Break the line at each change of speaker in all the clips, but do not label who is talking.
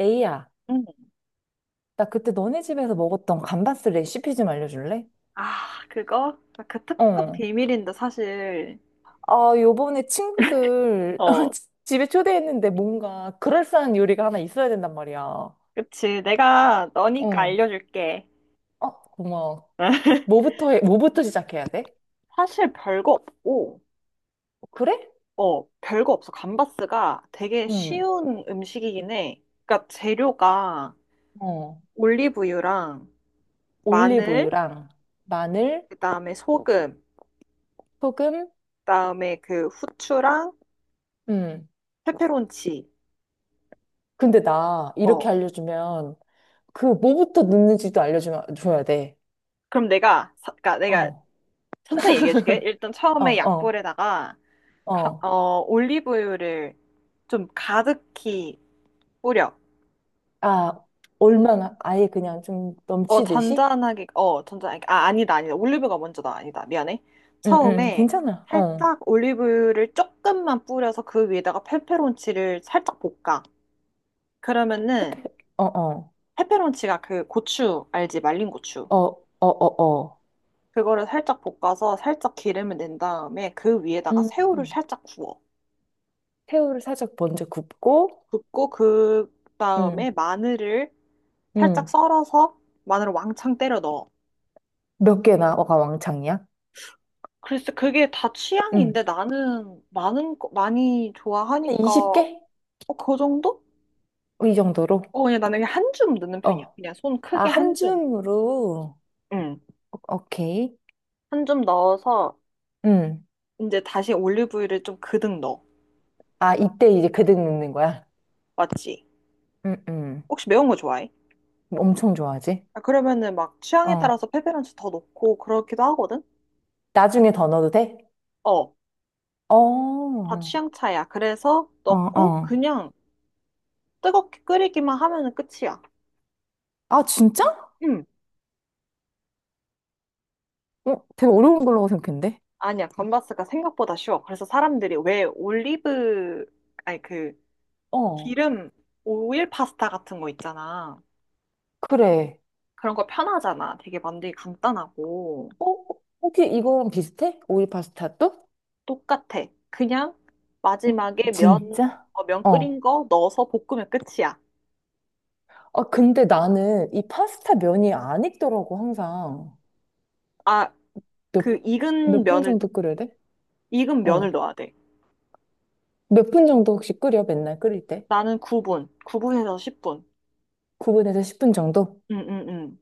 에이야,
응.
나 그때 너네 집에서 먹었던 감바스 레시피 좀 알려줄래?
아, 그거? 그 탑급
어.
비밀인데, 사실.
아, 요번에 친구들
어,
집에 초대했는데 뭔가 그럴싸한 요리가 하나 있어야 된단 말이야.
그치. 내가 너니까
어.
알려줄게.
어, 고마워. 뭐부터 해, 뭐부터 시작해야 돼?
사실 별거 없고,
그래?
어, 별거 없어. 감바스가 되게
응.
쉬운 음식이긴 해. 그러니까 재료가
어.
올리브유랑 마늘,
올리브유랑 마늘,
그다음에 소금,
소금,
그다음에 그 후추랑
응.
페페론치.
근데 나 이렇게
어.
알려주면 그 뭐부터 넣는지도 알려줘야 돼.
그럼 내가, 그러니까 내가
어.
천천히 얘기해줄게. 일단
어,
처음에
어,
약불에다가
어.
올리브유를 좀 가득히 뿌려.
아, 얼마나 아예 그냥 좀
어,
넘치듯이?
잔잔하게, 어, 잔잔하게. 아, 아니다, 아니다. 올리브가 먼저다. 아니다. 미안해.
응, 응,
처음에
괜찮아. 어.
살짝 올리브유를 조금만 뿌려서 그 위에다가 페페론치를 살짝 볶아. 그러면은
페페, 어, 어.
페페론치가 그 고추, 알지? 말린 고추.
어, 어, 어, 어.
그거를 살짝 볶아서 살짝 기름을 낸 다음에 그 위에다가
응,
새우를
응.
살짝 구워.
새우를 살짝 먼저 굽고,
굽고 그 다음에
응,
마늘을 살짝
응.
썰어서 마늘을 왕창 때려 넣어.
몇 개나 어가 왕창이야?
글쎄, 그게 다 취향인데
응.
나는 많이
한
좋아하니까,
20개?
어, 그 정도?
이 정도로?
어, 그냥 나는 한 줌 넣는 편이야.
어.
그냥 손
아,
크게
한
한 줌.
줌으로?
응.
오케이.
한 줌 넣어서,
응.
이제 다시 올리브유를 좀 그득 넣어.
아, 이때 이제 그득 넣는 거야?
맞지?
응, 응.
혹시 매운 거 좋아해?
엄청 좋아하지?
아, 그러면은 막 취향에
어.
따라서 페페론치 더 넣고 그렇기도 하거든?
나중에 더 넣어도 돼?
어,
어,
다
어,
취향 차이야. 그래서 넣고
어.
그냥 뜨겁게 끓이기만 하면은 끝이야.
아, 진짜?
응.
어? 되게 어려운 걸로 생각했는데?
아니야, 건바스가 생각보다 쉬워. 그래서 사람들이 왜 올리브, 아니 그
어.
기름 오일 파스타 같은 거 있잖아.
그래.
그런 거 편하잖아. 되게 만들기 간단하고.
어? 혹시 이거랑 비슷해? 오일 파스타도?
똑같아. 그냥 마지막에 면,
진짜?
어, 면
어.
끓인 거 넣어서 볶으면 끝이야.
아, 근데 나는 이 파스타 면이 안 익더라고, 항상.
아,
몇,
그 익은
몇 분
면을,
정도 끓여야 돼?
익은 면을
어.
넣어야 돼.
몇 분 정도 혹시 끓여, 맨날 끓일 때?
나는 9분, 9분에서 10분.
9분에서 10분 정도?
응, 응, 응.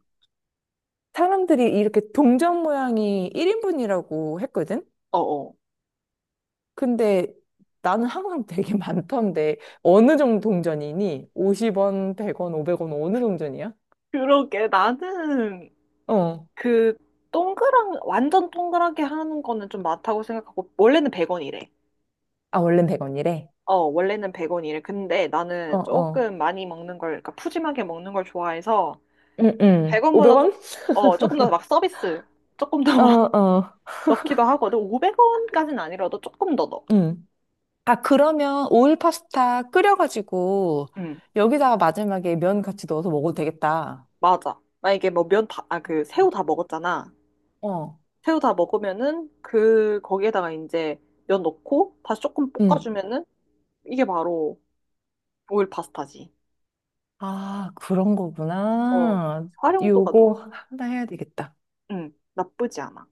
사람들이 이렇게 동전 모양이 1인분이라고 했거든?
어어.
근데 나는 항상 되게 많던데, 어느 정도 동전이니? 50원, 100원, 500원, 어느 동전이야?
그러게, 나는
어.
그 동그란, 완전 동그랗게 하는 거는 좀 많다고 생각하고, 원래는 100원이래.
아, 원래는 100원이래.
어, 원래는 100원이래. 근데
어,
나는
어.
조금 많이 먹는 걸, 그러니까 푸짐하게 먹는 걸 좋아해서
응, 응.
100원보다
500원?
조금 더 막 서비스, 조금 더
어,
막
어.
넣기도 하거든. 500원까지는 아니라도 조금 더 넣어.
응. 아, 그러면 오일 파스타 끓여가지고
응,
여기다가 마지막에 면 같이 넣어서 먹어도 되겠다.
맞아. 만약에 뭐 면 다, 아, 그 새우 다 먹었잖아.
어.
새우 다 먹으면은 그, 거기에다가 이제 면 넣고 다시 조금
응.
볶아주면은 이게 바로 오일 파스타지.
아, 그런
어,
거구나.
활용도가 높,
요거 하나 해야 되겠다.
응, 나쁘지 않아.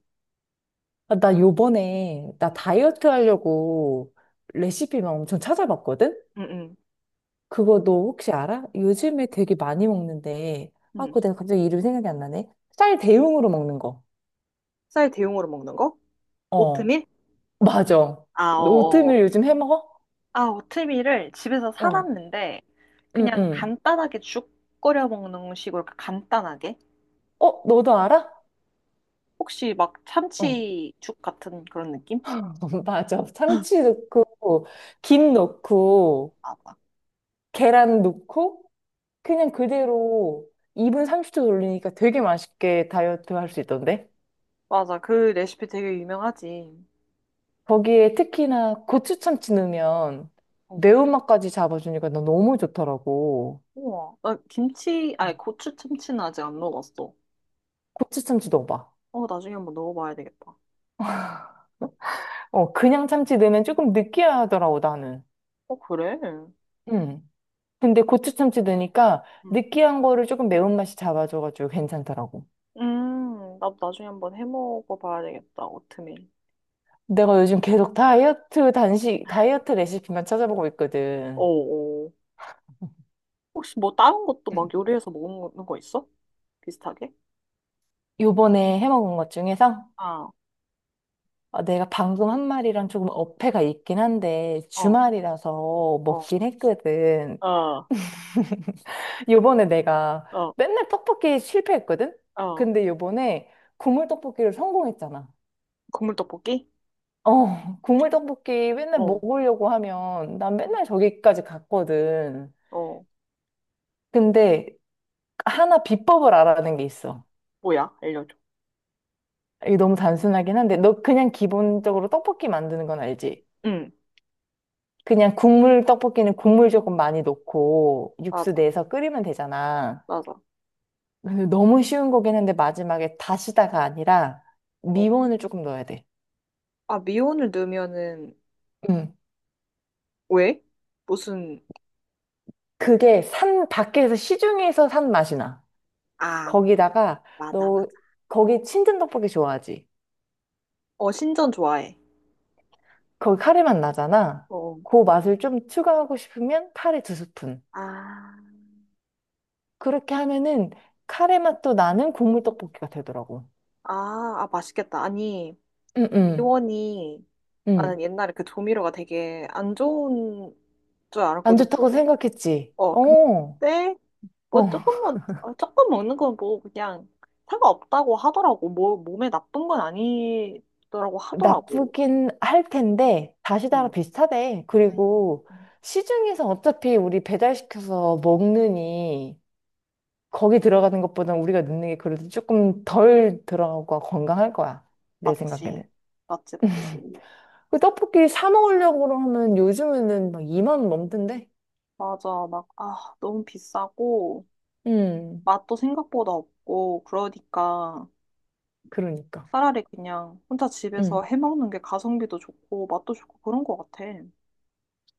아, 나 요번에 나
응,
다이어트 하려고 레시피만 엄청 찾아봤거든?
응, 응.
그거 너 혹시 알아? 요즘에 되게 많이 먹는데, 아,
응.
그거 내가 갑자기 이름 생각이 안 나네. 쌀 대용으로 먹는 거.
쌀 대용으로 먹는 거?
어,
오트밀?
맞아.
아,
너
어, 어.
오트밀 요즘 해 먹어?
아, 오트밀을 집에서
어,
사놨는데,
응,
그냥
응.
간단하게 죽 끓여 먹는 식으로 그 간단하게?
어, 너도 알아?
혹시 막
어,
참치죽 같은 그런 느낌?
맞아. 참치 넣고, 김 넣고,
맞아.
계란 넣고, 그냥 그대로 2분 30초 돌리니까 되게 맛있게 다이어트 할 수 있던데?
맞아, 그 레시피 되게 유명하지.
거기에 특히나 고추 참치 넣으면
어,
매운맛까지 잡아주니까 나 너무 좋더라고.
우와, 나 김치, 아니
어,
고추 참치는 아직 안 넣어봤어.
고추 참치 넣어봐.
어, 나중에 한번 넣어봐야 되겠다.
어, 그냥 참치 넣으면 조금 느끼하더라고, 나는.
어, 그래?
음. 근데 고추 참치 넣으니까
음.
느끼한 거를 조금 매운맛이 잡아줘가지고 괜찮더라고.
나도 나중에 한번 해 먹어봐야 되겠다, 오트밀.
내가 요즘 계속 다이어트 단식, 다이어트 레시피만 찾아보고
어,
있거든.
어. 혹시 뭐 다른 것도
음.
막 요리해서 먹는 거 있어? 비슷하게?
요번에 해먹은 것 중에서
아,
어, 내가 방금 한 말이랑 조금 어폐가 있긴 한데
어,
주말이라서
어,
먹긴 했거든.
어,
요번에 내가
어,
맨날 떡볶이 실패했거든?
어.
근데 요번에 국물 떡볶이를 성공했잖아.
국물 떡볶이?
어, 국물 떡볶이 맨날
어,
먹으려고 하면 난 맨날 저기까지 갔거든.
어.
근데 하나 비법을 알아낸 게 있어.
뭐야? 알려줘.
이게 너무 단순하긴 한데 너 그냥 기본적으로 떡볶이 만드는 건 알지?
응,
그냥 국물 떡볶이는 국물 조금 많이 넣고 육수
맞아,
내서 끓이면 되잖아.
맞아.
근데 너무 쉬운 거긴 한데 마지막에 다시다가 아니라
어.
미원을 조금 넣어야 돼.
아, 미온을 넣으면은,
응.
왜? 무슨,
그게 산 밖에서 시중에서 산 맛이 나.
아,
거기다가
맞아, 맞아.
너 거기 친든 떡볶이 좋아하지?
어, 신전 좋아해.
거기 카레 맛 나잖아.
어,
그 맛을 좀 추가하고 싶으면 카레 두 스푼.
아,
그렇게 하면은 카레 맛도 나는 국물 떡볶이가 되더라고.
아, 아, 맛있겠다. 아니,
응응 응.
미원이, 나는
응.
옛날에 그 조미료가 되게 안 좋은 줄
안
알았거든,
좋다고
몸에.
생각했지.
어,
어,
근데 뭐
어.
조금만 어, 조금 먹는 건 뭐 그냥 상관없다고 하더라고. 뭐 몸에 나쁜 건 아니더라고 하더라고.
나쁘긴 할 텐데 다시다랑
음.
비슷하대. 그리고
음.
시중에서 어차피 우리 배달시켜서 먹느니 거기 들어가는 것보다 우리가 넣는 게 그래도 조금 덜 들어가고 건강할 거야. 내 생각에는.
맞지. 맞지, 맞지.
그 떡볶이 사 먹으려고 하면 요즘에는 막 2만 원 넘던데?
맞아. 막, 아, 너무 비싸고,
음,
맛도 생각보다 없고, 그러니까
그러니까.
차라리 그냥 혼자 집에서
음.
해 먹는 게 가성비도 좋고, 맛도 좋고, 그런 것 같아.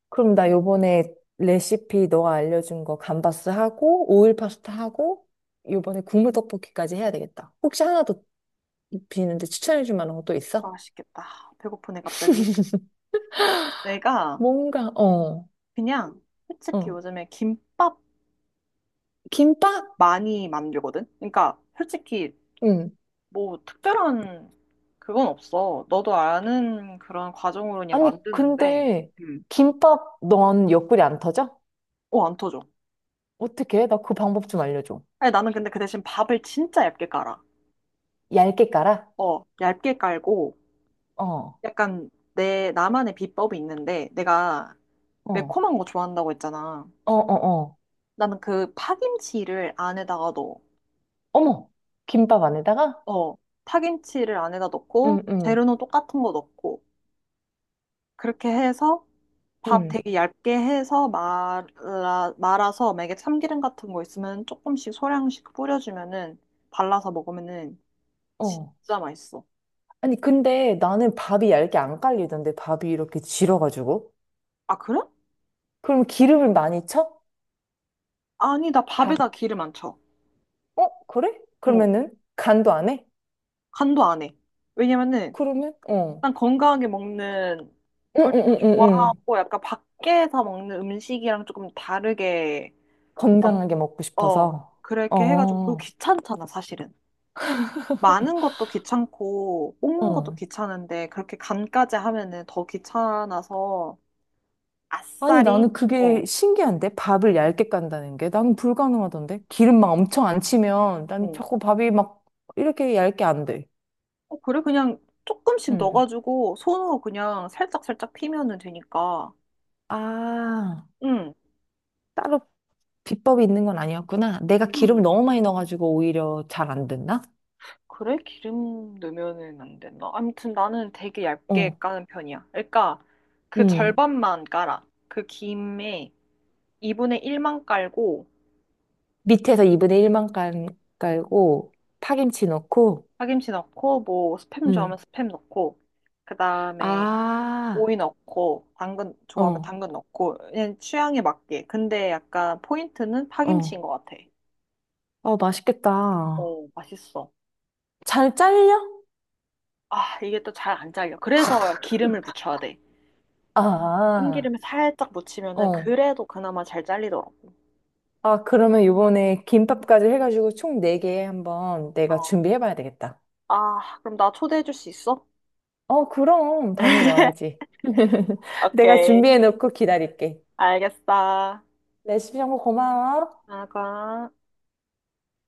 그럼 나 요번에 레시피 너가 알려준 거 감바스 하고, 오일 파스타 하고, 요번에 국물 떡볶이까지 해야 되겠다. 혹시 하나 더 비는데 추천해줄 만한 거 또 있어?
맛있겠다. 배고프네, 갑자기. 내가
뭔가, 어,
그냥 솔직히
어.
요즘에 김밥
김밥?
많이 만들거든? 그러니까 솔직히 뭐 특별한 그건 없어. 너도 아는 그런 과정으로 그냥
아니,
만드는데,
근데
음.
김밥 넌 옆구리 안 터져?
어, 안 터져.
어떻게? 해? 나 그 방법 좀 알려줘.
아니, 나는 근데 그 대신 밥을 진짜 얇게 깔아.
얇게 깔아?
어, 얇게 깔고,
어,
약간 내, 나만의 비법이 있는데, 내가
어,
매콤한 거 좋아한다고 했잖아.
어, 어, 어.
나는 그 파김치를 안에다가 넣어.
어머, 김밥 안에다가?
어, 파김치를 안에다 넣고,
응, 응,
재료는 똑같은 거 넣고, 그렇게 해서 밥
응,
되게 얇게 해서 말아서 만약에 참기름 같은 거 있으면 조금씩 소량씩 뿌려주면은 발라서 먹으면은
어.
진짜 맛있어.
아니, 근데 나는 밥이 얇게 안 깔리던데, 밥이 이렇게 질어가지고.
아, 그래?
그럼 기름을 많이 쳐?
아니, 나
밥.
밥에다 기름 안 쳐.
어, 그래?
어,
그러면은 간도 안 해?
간도 안 해. 왜냐면은
그러면? 어.
난 건강하게 먹는
응,
걸
응,
좀 더
응, 응, 응.
좋아하고 약간 밖에서 먹는 음식이랑 조금 다르게 만-
건강하게 먹고
어,
싶어서.
그렇게 해가지고 그리고
어,
귀찮잖아, 사실은. 많은 것도 귀찮고 뽑는 것도
어.
귀찮은데 그렇게 간까지 하면은 더 귀찮아서
아니,
아싸리
나는
어,
그게 신기한데? 밥을 얇게 깐다는 게? 난 불가능하던데? 기름 막 엄청 안 치면 난
응.
자꾸 밥이 막 이렇게 얇게 안 돼.
어, 그래, 그냥 조금씩
응.
넣어가지고 손으로 그냥 살짝 살짝 피면은 되니까
아,
응,
따로 비법이 있는 건 아니었구나. 내가 기름을
응.
너무 많이 넣어가지고 오히려 잘 안 됐나?
그래 기름 넣으면은 안 된다. 아무튼 나는 되게 얇게
어.
까는 편이야. 그러니까 그
응.
절반만 깔아. 그 김에 2분의 1만 깔고
밑에서 2분의 1만 깔고 파김치 넣고.
파김치 넣고 뭐 스팸 좋아하면
응.
스팸 넣고 그 다음에
아,
오이 넣고 당근 좋아하면
어,
당근 넣고 그냥 취향에 맞게. 근데 약간 포인트는 파김치인
어.
것 같아.
어, 맛있겠다.
어, 맛있어.
잘 잘려?
아, 이게 또 잘 안 잘려. 그래서 기름을 묻혀야 돼.
아,
참기름에 살짝 묻히면은
어.
그래도 그나마 잘 잘리더라고.
아, 그러면 요번에 김밥까지 해가지고 총 4개 한번 내가
어.
준비해봐야 되겠다.
아, 그럼 나 초대해 줄 수 있어?
어, 그럼. 당연히 와야지. 내가
오케이.
준비해놓고 기다릴게.
알겠어.
레시피 정보 고마워.
나가.